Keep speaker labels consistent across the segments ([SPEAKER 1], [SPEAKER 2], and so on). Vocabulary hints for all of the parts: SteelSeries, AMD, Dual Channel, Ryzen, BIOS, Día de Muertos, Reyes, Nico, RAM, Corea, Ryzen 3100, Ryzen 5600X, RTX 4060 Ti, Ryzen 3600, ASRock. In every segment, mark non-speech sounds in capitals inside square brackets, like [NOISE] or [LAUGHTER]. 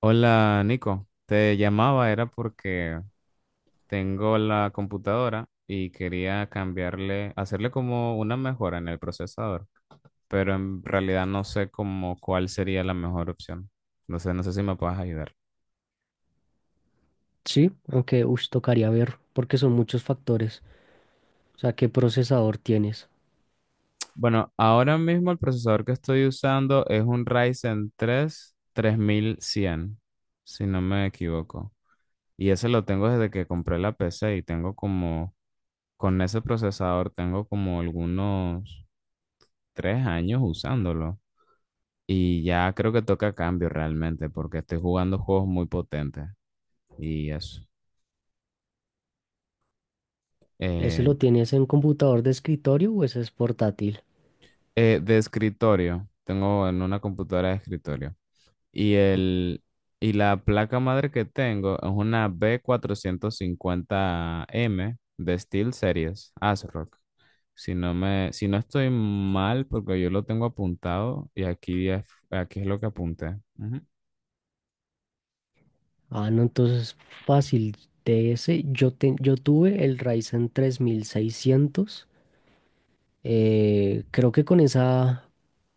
[SPEAKER 1] Hola Nico, te llamaba era porque tengo la computadora y quería cambiarle, hacerle como una mejora en el procesador, pero en realidad no sé como cuál sería la mejor opción. No sé si me puedes ayudar.
[SPEAKER 2] Sí, aunque tocaría ver porque son muchos factores. O sea, ¿qué procesador tienes?
[SPEAKER 1] Bueno, ahora mismo el procesador que estoy usando es un Ryzen 3 3100, si no me equivoco. Y ese lo tengo desde que compré la PC y tengo como, con ese procesador tengo como algunos 3 años usándolo y ya creo que toca cambio realmente porque estoy jugando juegos muy potentes y eso.
[SPEAKER 2] ¿Ese
[SPEAKER 1] Eh,
[SPEAKER 2] lo tienes en computador de escritorio o ese es portátil?
[SPEAKER 1] de escritorio, tengo en una computadora de escritorio y,
[SPEAKER 2] O-
[SPEAKER 1] el, y la placa madre que tengo es una B450M de SteelSeries ASRock. Si no estoy mal, porque yo lo tengo apuntado y aquí es lo que apunté. Ujú.
[SPEAKER 2] Ah, no, entonces fácil. De ese yo tuve el Ryzen 3600. Creo que con esa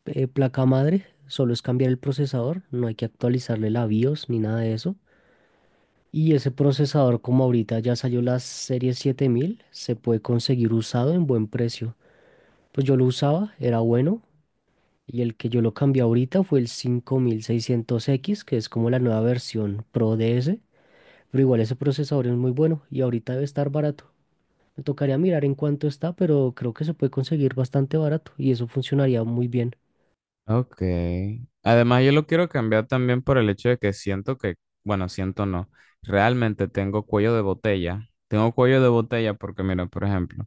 [SPEAKER 2] placa madre solo es cambiar el procesador, no hay que actualizarle la BIOS ni nada de eso. Y ese procesador, como ahorita ya salió la serie 7000, se puede conseguir usado en buen precio. Pues yo lo usaba, era bueno. Y el que yo lo cambié ahorita fue el 5600X, que es como la nueva versión Pro de ese. Pero igual ese procesador es muy bueno y ahorita debe estar barato. Me tocaría mirar en cuánto está, pero creo que se puede conseguir bastante barato y eso funcionaría muy bien.
[SPEAKER 1] Ok. Además, yo lo quiero cambiar también por el hecho de que siento que, bueno, siento no, realmente tengo cuello de botella. Tengo cuello de botella porque, mira, por ejemplo,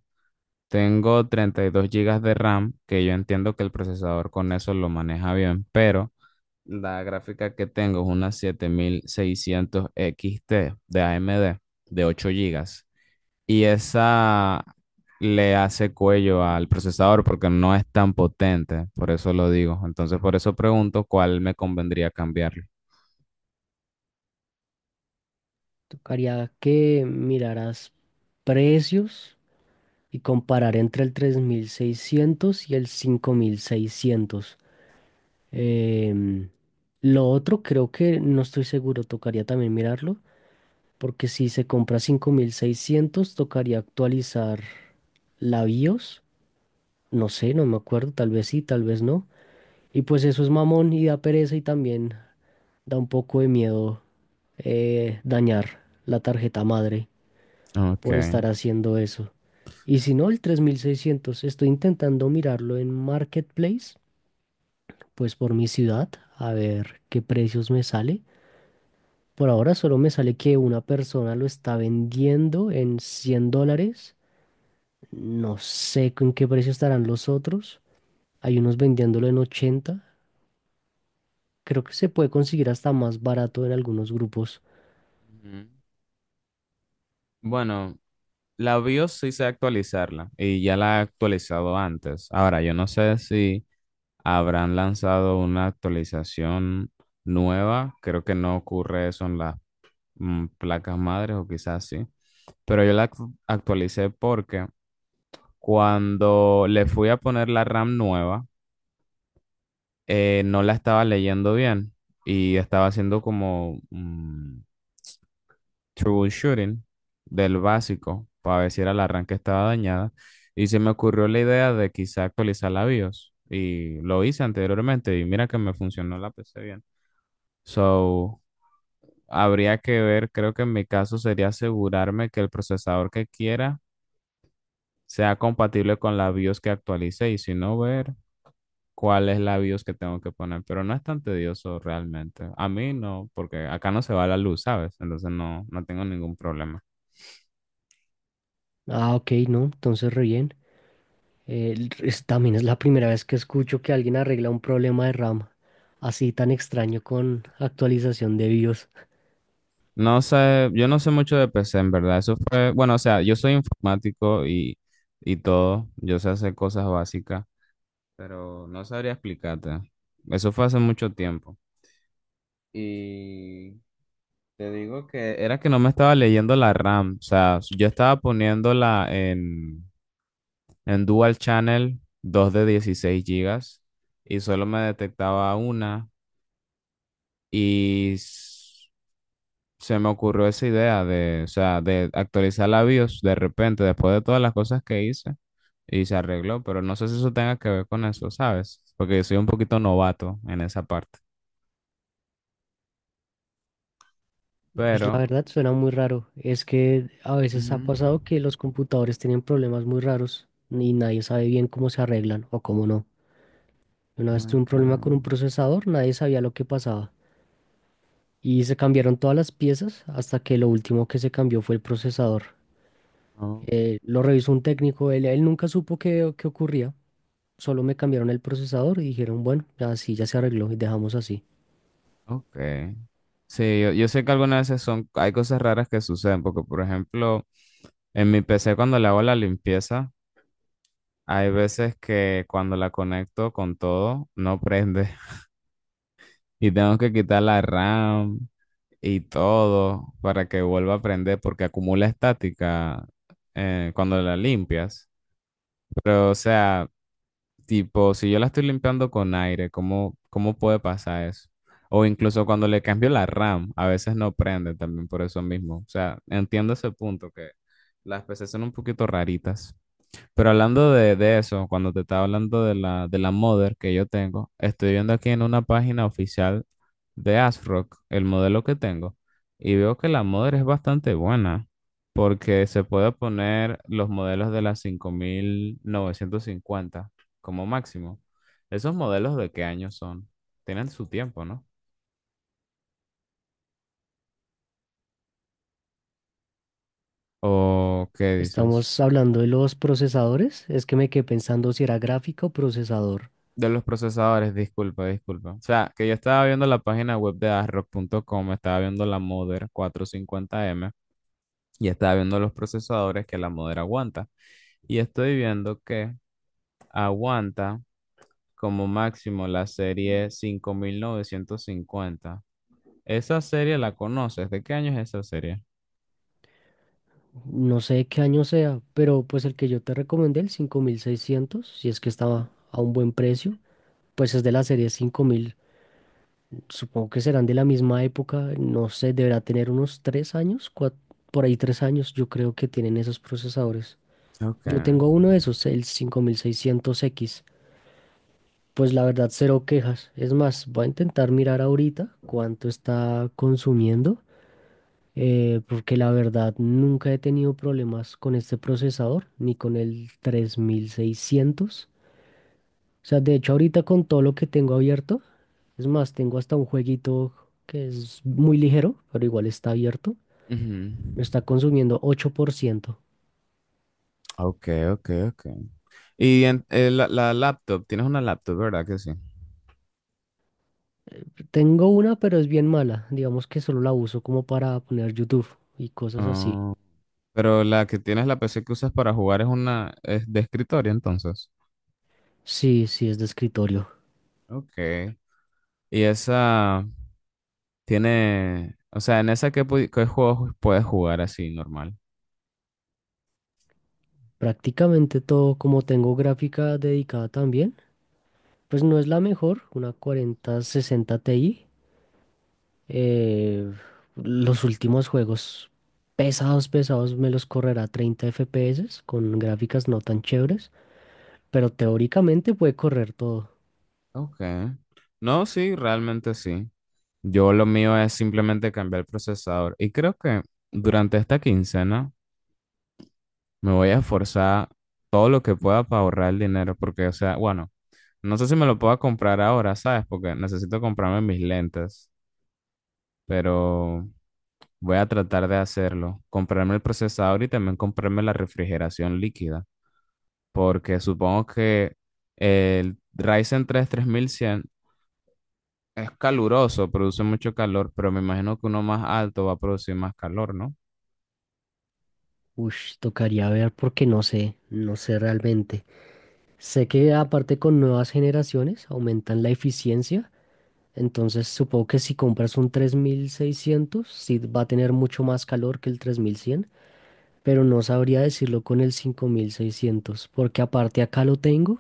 [SPEAKER 1] tengo 32 gigas de RAM, que yo entiendo que el procesador con eso lo maneja bien, pero la gráfica que tengo es una 7600 XT de AMD de 8 gigas y esa le hace cuello al procesador porque no es tan potente, por eso lo digo. Entonces, por eso pregunto cuál me convendría cambiarlo.
[SPEAKER 2] Tocaría que miraras precios y comparar entre el 3600 y el 5600. Em, lo otro creo que no estoy seguro, tocaría también mirarlo. Porque si se compra 5600 tocaría actualizar la BIOS. No sé, no me acuerdo, tal vez sí, tal vez no. Y pues eso es mamón y da pereza y también da un poco de miedo dañar la tarjeta madre
[SPEAKER 1] Ok.
[SPEAKER 2] por estar haciendo eso. Y si no, el 3600, estoy intentando mirarlo en Marketplace, pues por mi ciudad, a ver qué precios me sale. Por ahora solo me sale que una persona lo está vendiendo en $100. No sé con qué precio estarán los otros. Hay unos vendiéndolo en 80. Creo que se puede conseguir hasta más barato en algunos grupos.
[SPEAKER 1] Ujú. Bueno, la BIOS sí sé actualizarla y ya la he actualizado antes. Ahora, yo no sé si habrán lanzado una actualización nueva. Creo que no ocurre eso en las placas madres o quizás sí. Pero yo la actualicé porque cuando le fui a poner la RAM nueva, no la estaba leyendo bien y estaba haciendo como troubleshooting del básico para ver si era la RAM que estaba dañada. Y se me ocurrió la idea de quizá actualizar la BIOS y lo hice anteriormente y mira que me funcionó la PC bien. So, habría que ver, creo que en mi caso sería asegurarme que el procesador que quiera sea compatible con la BIOS que actualice y si no, ver cuál es la BIOS que tengo que poner, pero no es tan tedioso realmente. A mí no, porque acá no se va la luz, ¿sabes? Entonces no, no tengo ningún problema.
[SPEAKER 2] Ah, ok, no, entonces re bien. También es la primera vez que escucho que alguien arregla un problema de RAM así tan extraño con actualización de BIOS.
[SPEAKER 1] No sé, yo no sé mucho de PC, en verdad. Eso fue, bueno, o sea, yo soy informático y todo, yo sé hacer cosas básicas, pero no sabría explicarte. Eso fue hace mucho tiempo. Y te digo que era que no me estaba leyendo la RAM, o sea, yo estaba poniéndola en Dual Channel, dos de 16 gigas y solo me detectaba una y se me ocurrió esa idea de, o sea, de actualizar la BIOS de repente después de todas las cosas que hice y se arregló, pero no sé si eso tenga que ver con eso, ¿sabes? Porque soy un poquito novato en esa parte.
[SPEAKER 2] Pues la
[SPEAKER 1] Pero.
[SPEAKER 2] verdad suena muy raro. Es que a veces ha
[SPEAKER 1] Ujú.
[SPEAKER 2] pasado que los computadores tienen problemas muy raros y nadie sabe bien cómo se arreglan o cómo no. Una vez tuve un
[SPEAKER 1] Ok.
[SPEAKER 2] problema con un procesador, nadie sabía lo que pasaba. Y se cambiaron todas las piezas hasta que lo último que se cambió fue el procesador.
[SPEAKER 1] Oh.
[SPEAKER 2] Lo revisó un técnico, él nunca supo qué ocurría, solo me cambiaron el procesador y dijeron, bueno, así ya se arregló y dejamos así.
[SPEAKER 1] Ok. Sí, yo sé que algunas veces son, hay cosas raras que suceden, porque por ejemplo. En mi PC cuando le hago la limpieza, hay veces que cuando la conecto con todo, no prende. [LAUGHS] Y tengo que quitar la RAM y todo para que vuelva a prender porque acumula estática cuando la limpias. Pero, o sea, tipo, si yo la estoy limpiando con aire, ¿cómo puede pasar eso? O incluso cuando le cambio la RAM, a veces no prende también por eso mismo. O sea, entiendo ese punto que las PC son un poquito raritas. Pero hablando de eso, cuando te estaba hablando de la modder que yo tengo, estoy viendo aquí en una página oficial de ASRock el modelo que tengo y veo que la modder es bastante buena porque se puede poner los modelos de las 5950 como máximo. ¿Esos modelos de qué año son? Tienen su tiempo, ¿no? ¿O qué dices?
[SPEAKER 2] Estamos hablando de los procesadores, es que me quedé pensando si era gráfica o procesador.
[SPEAKER 1] De los procesadores, disculpa, disculpa. O sea, que yo estaba viendo la página web de ASRock.com, estaba viendo la Mother 450M y estaba viendo los procesadores que la Mother aguanta. Y estoy viendo que aguanta como máximo la serie 5950. ¿Esa serie la conoces? ¿De qué año es esa serie?
[SPEAKER 2] No sé qué año sea, pero pues el que yo te recomendé, el 5600 si es que estaba a un buen precio, pues es de la serie 5000. Supongo que serán de la misma época, no sé, deberá tener unos 3 años, por ahí 3 años, yo creo que tienen esos procesadores.
[SPEAKER 1] Ok.
[SPEAKER 2] Yo tengo uno de esos, el 5600X. Pues la verdad, cero quejas. Es más, voy a intentar mirar ahorita cuánto está consumiendo, porque la verdad nunca he tenido problemas con este procesador, ni con el 3600. O sea, de hecho, ahorita con todo lo que tengo abierto, es más, tengo hasta un jueguito que es muy ligero, pero igual está abierto.
[SPEAKER 1] Ujú.
[SPEAKER 2] Me está consumiendo 8%.
[SPEAKER 1] Ok, ok, ok. Y la laptop, tienes una laptop, ¿verdad que sí?
[SPEAKER 2] Tengo una, pero es bien mala. Digamos que solo la uso como para poner YouTube y cosas así.
[SPEAKER 1] Ah, pero la que tienes, la PC que usas para jugar es una, es de escritorio, entonces.
[SPEAKER 2] Sí, sí, es de escritorio.
[SPEAKER 1] Ok. Y esa tiene, o sea, en esa qué juegos puedes jugar así normal.
[SPEAKER 2] Prácticamente todo, como tengo gráfica dedicada también, pues no es la mejor, una 4060 Ti. Eh, los últimos juegos pesados, pesados, me los correrá a 30 FPS con gráficas no tan chéveres, pero teóricamente puede correr todo.
[SPEAKER 1] Ok. No, sí, realmente sí. Yo lo mío es simplemente cambiar el procesador. Y creo que durante esta quincena me voy a esforzar todo lo que pueda para ahorrar el dinero. Porque, o sea, bueno, no sé si me lo pueda comprar ahora, ¿sabes? Porque necesito comprarme mis lentes. Pero. Voy a tratar de hacerlo, comprarme el procesador y también comprarme la refrigeración líquida, porque supongo que el Ryzen 3 3100 es caluroso, produce mucho calor, pero me imagino que uno más alto va a producir más calor, ¿no?
[SPEAKER 2] Tocaría ver porque no sé, no sé realmente. Sé que aparte con nuevas generaciones aumentan la eficiencia, entonces supongo que si compras un 3600 sí va a tener mucho más calor que el 3100, pero no sabría decirlo con el 5600 porque aparte acá lo tengo.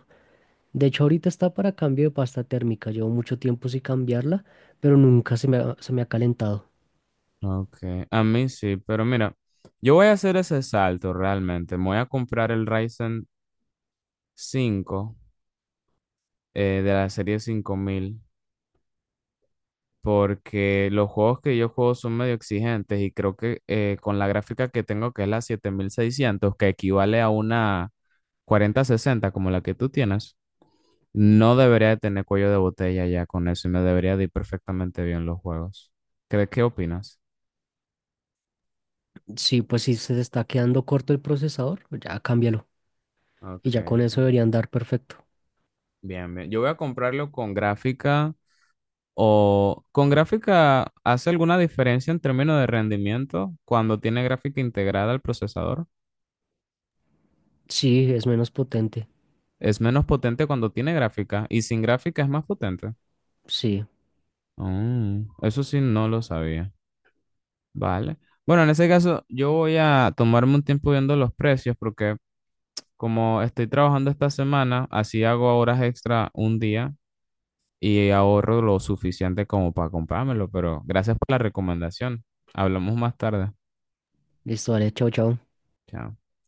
[SPEAKER 2] De hecho, ahorita está para cambio de pasta térmica. Llevo mucho tiempo sin cambiarla, pero nunca se me ha calentado.
[SPEAKER 1] Ok, a mí sí, pero mira, yo voy a hacer ese salto realmente. Me voy a comprar el Ryzen 5 de la serie 5000 porque los juegos que yo juego son medio exigentes y creo que con la gráfica que tengo, que es la 7600 que equivale a una 4060 como la que tú tienes, no debería de tener cuello de botella ya con eso y me debería de ir perfectamente bien los juegos. ¿Qué opinas?
[SPEAKER 2] Sí, pues si se está quedando corto el procesador, ya cámbialo. Y
[SPEAKER 1] Ok,
[SPEAKER 2] ya con eso
[SPEAKER 1] ok.
[SPEAKER 2] debería andar perfecto.
[SPEAKER 1] Bien, bien. Yo voy a comprarlo con gráfica o con gráfica, ¿hace alguna diferencia en términos de rendimiento cuando tiene gráfica integrada al procesador?
[SPEAKER 2] Sí, es menos potente.
[SPEAKER 1] Es menos potente cuando tiene gráfica y sin gráfica es más potente.
[SPEAKER 2] Sí,
[SPEAKER 1] Eso sí, no lo sabía. Vale. Bueno, en ese caso, yo voy a tomarme un tiempo viendo los precios porque como estoy trabajando esta semana, así hago horas extra un día y ahorro lo suficiente como para comprármelo. Pero gracias por la recomendación. Hablamos más tarde.
[SPEAKER 2] listo, vale, chao, chao.
[SPEAKER 1] Chao.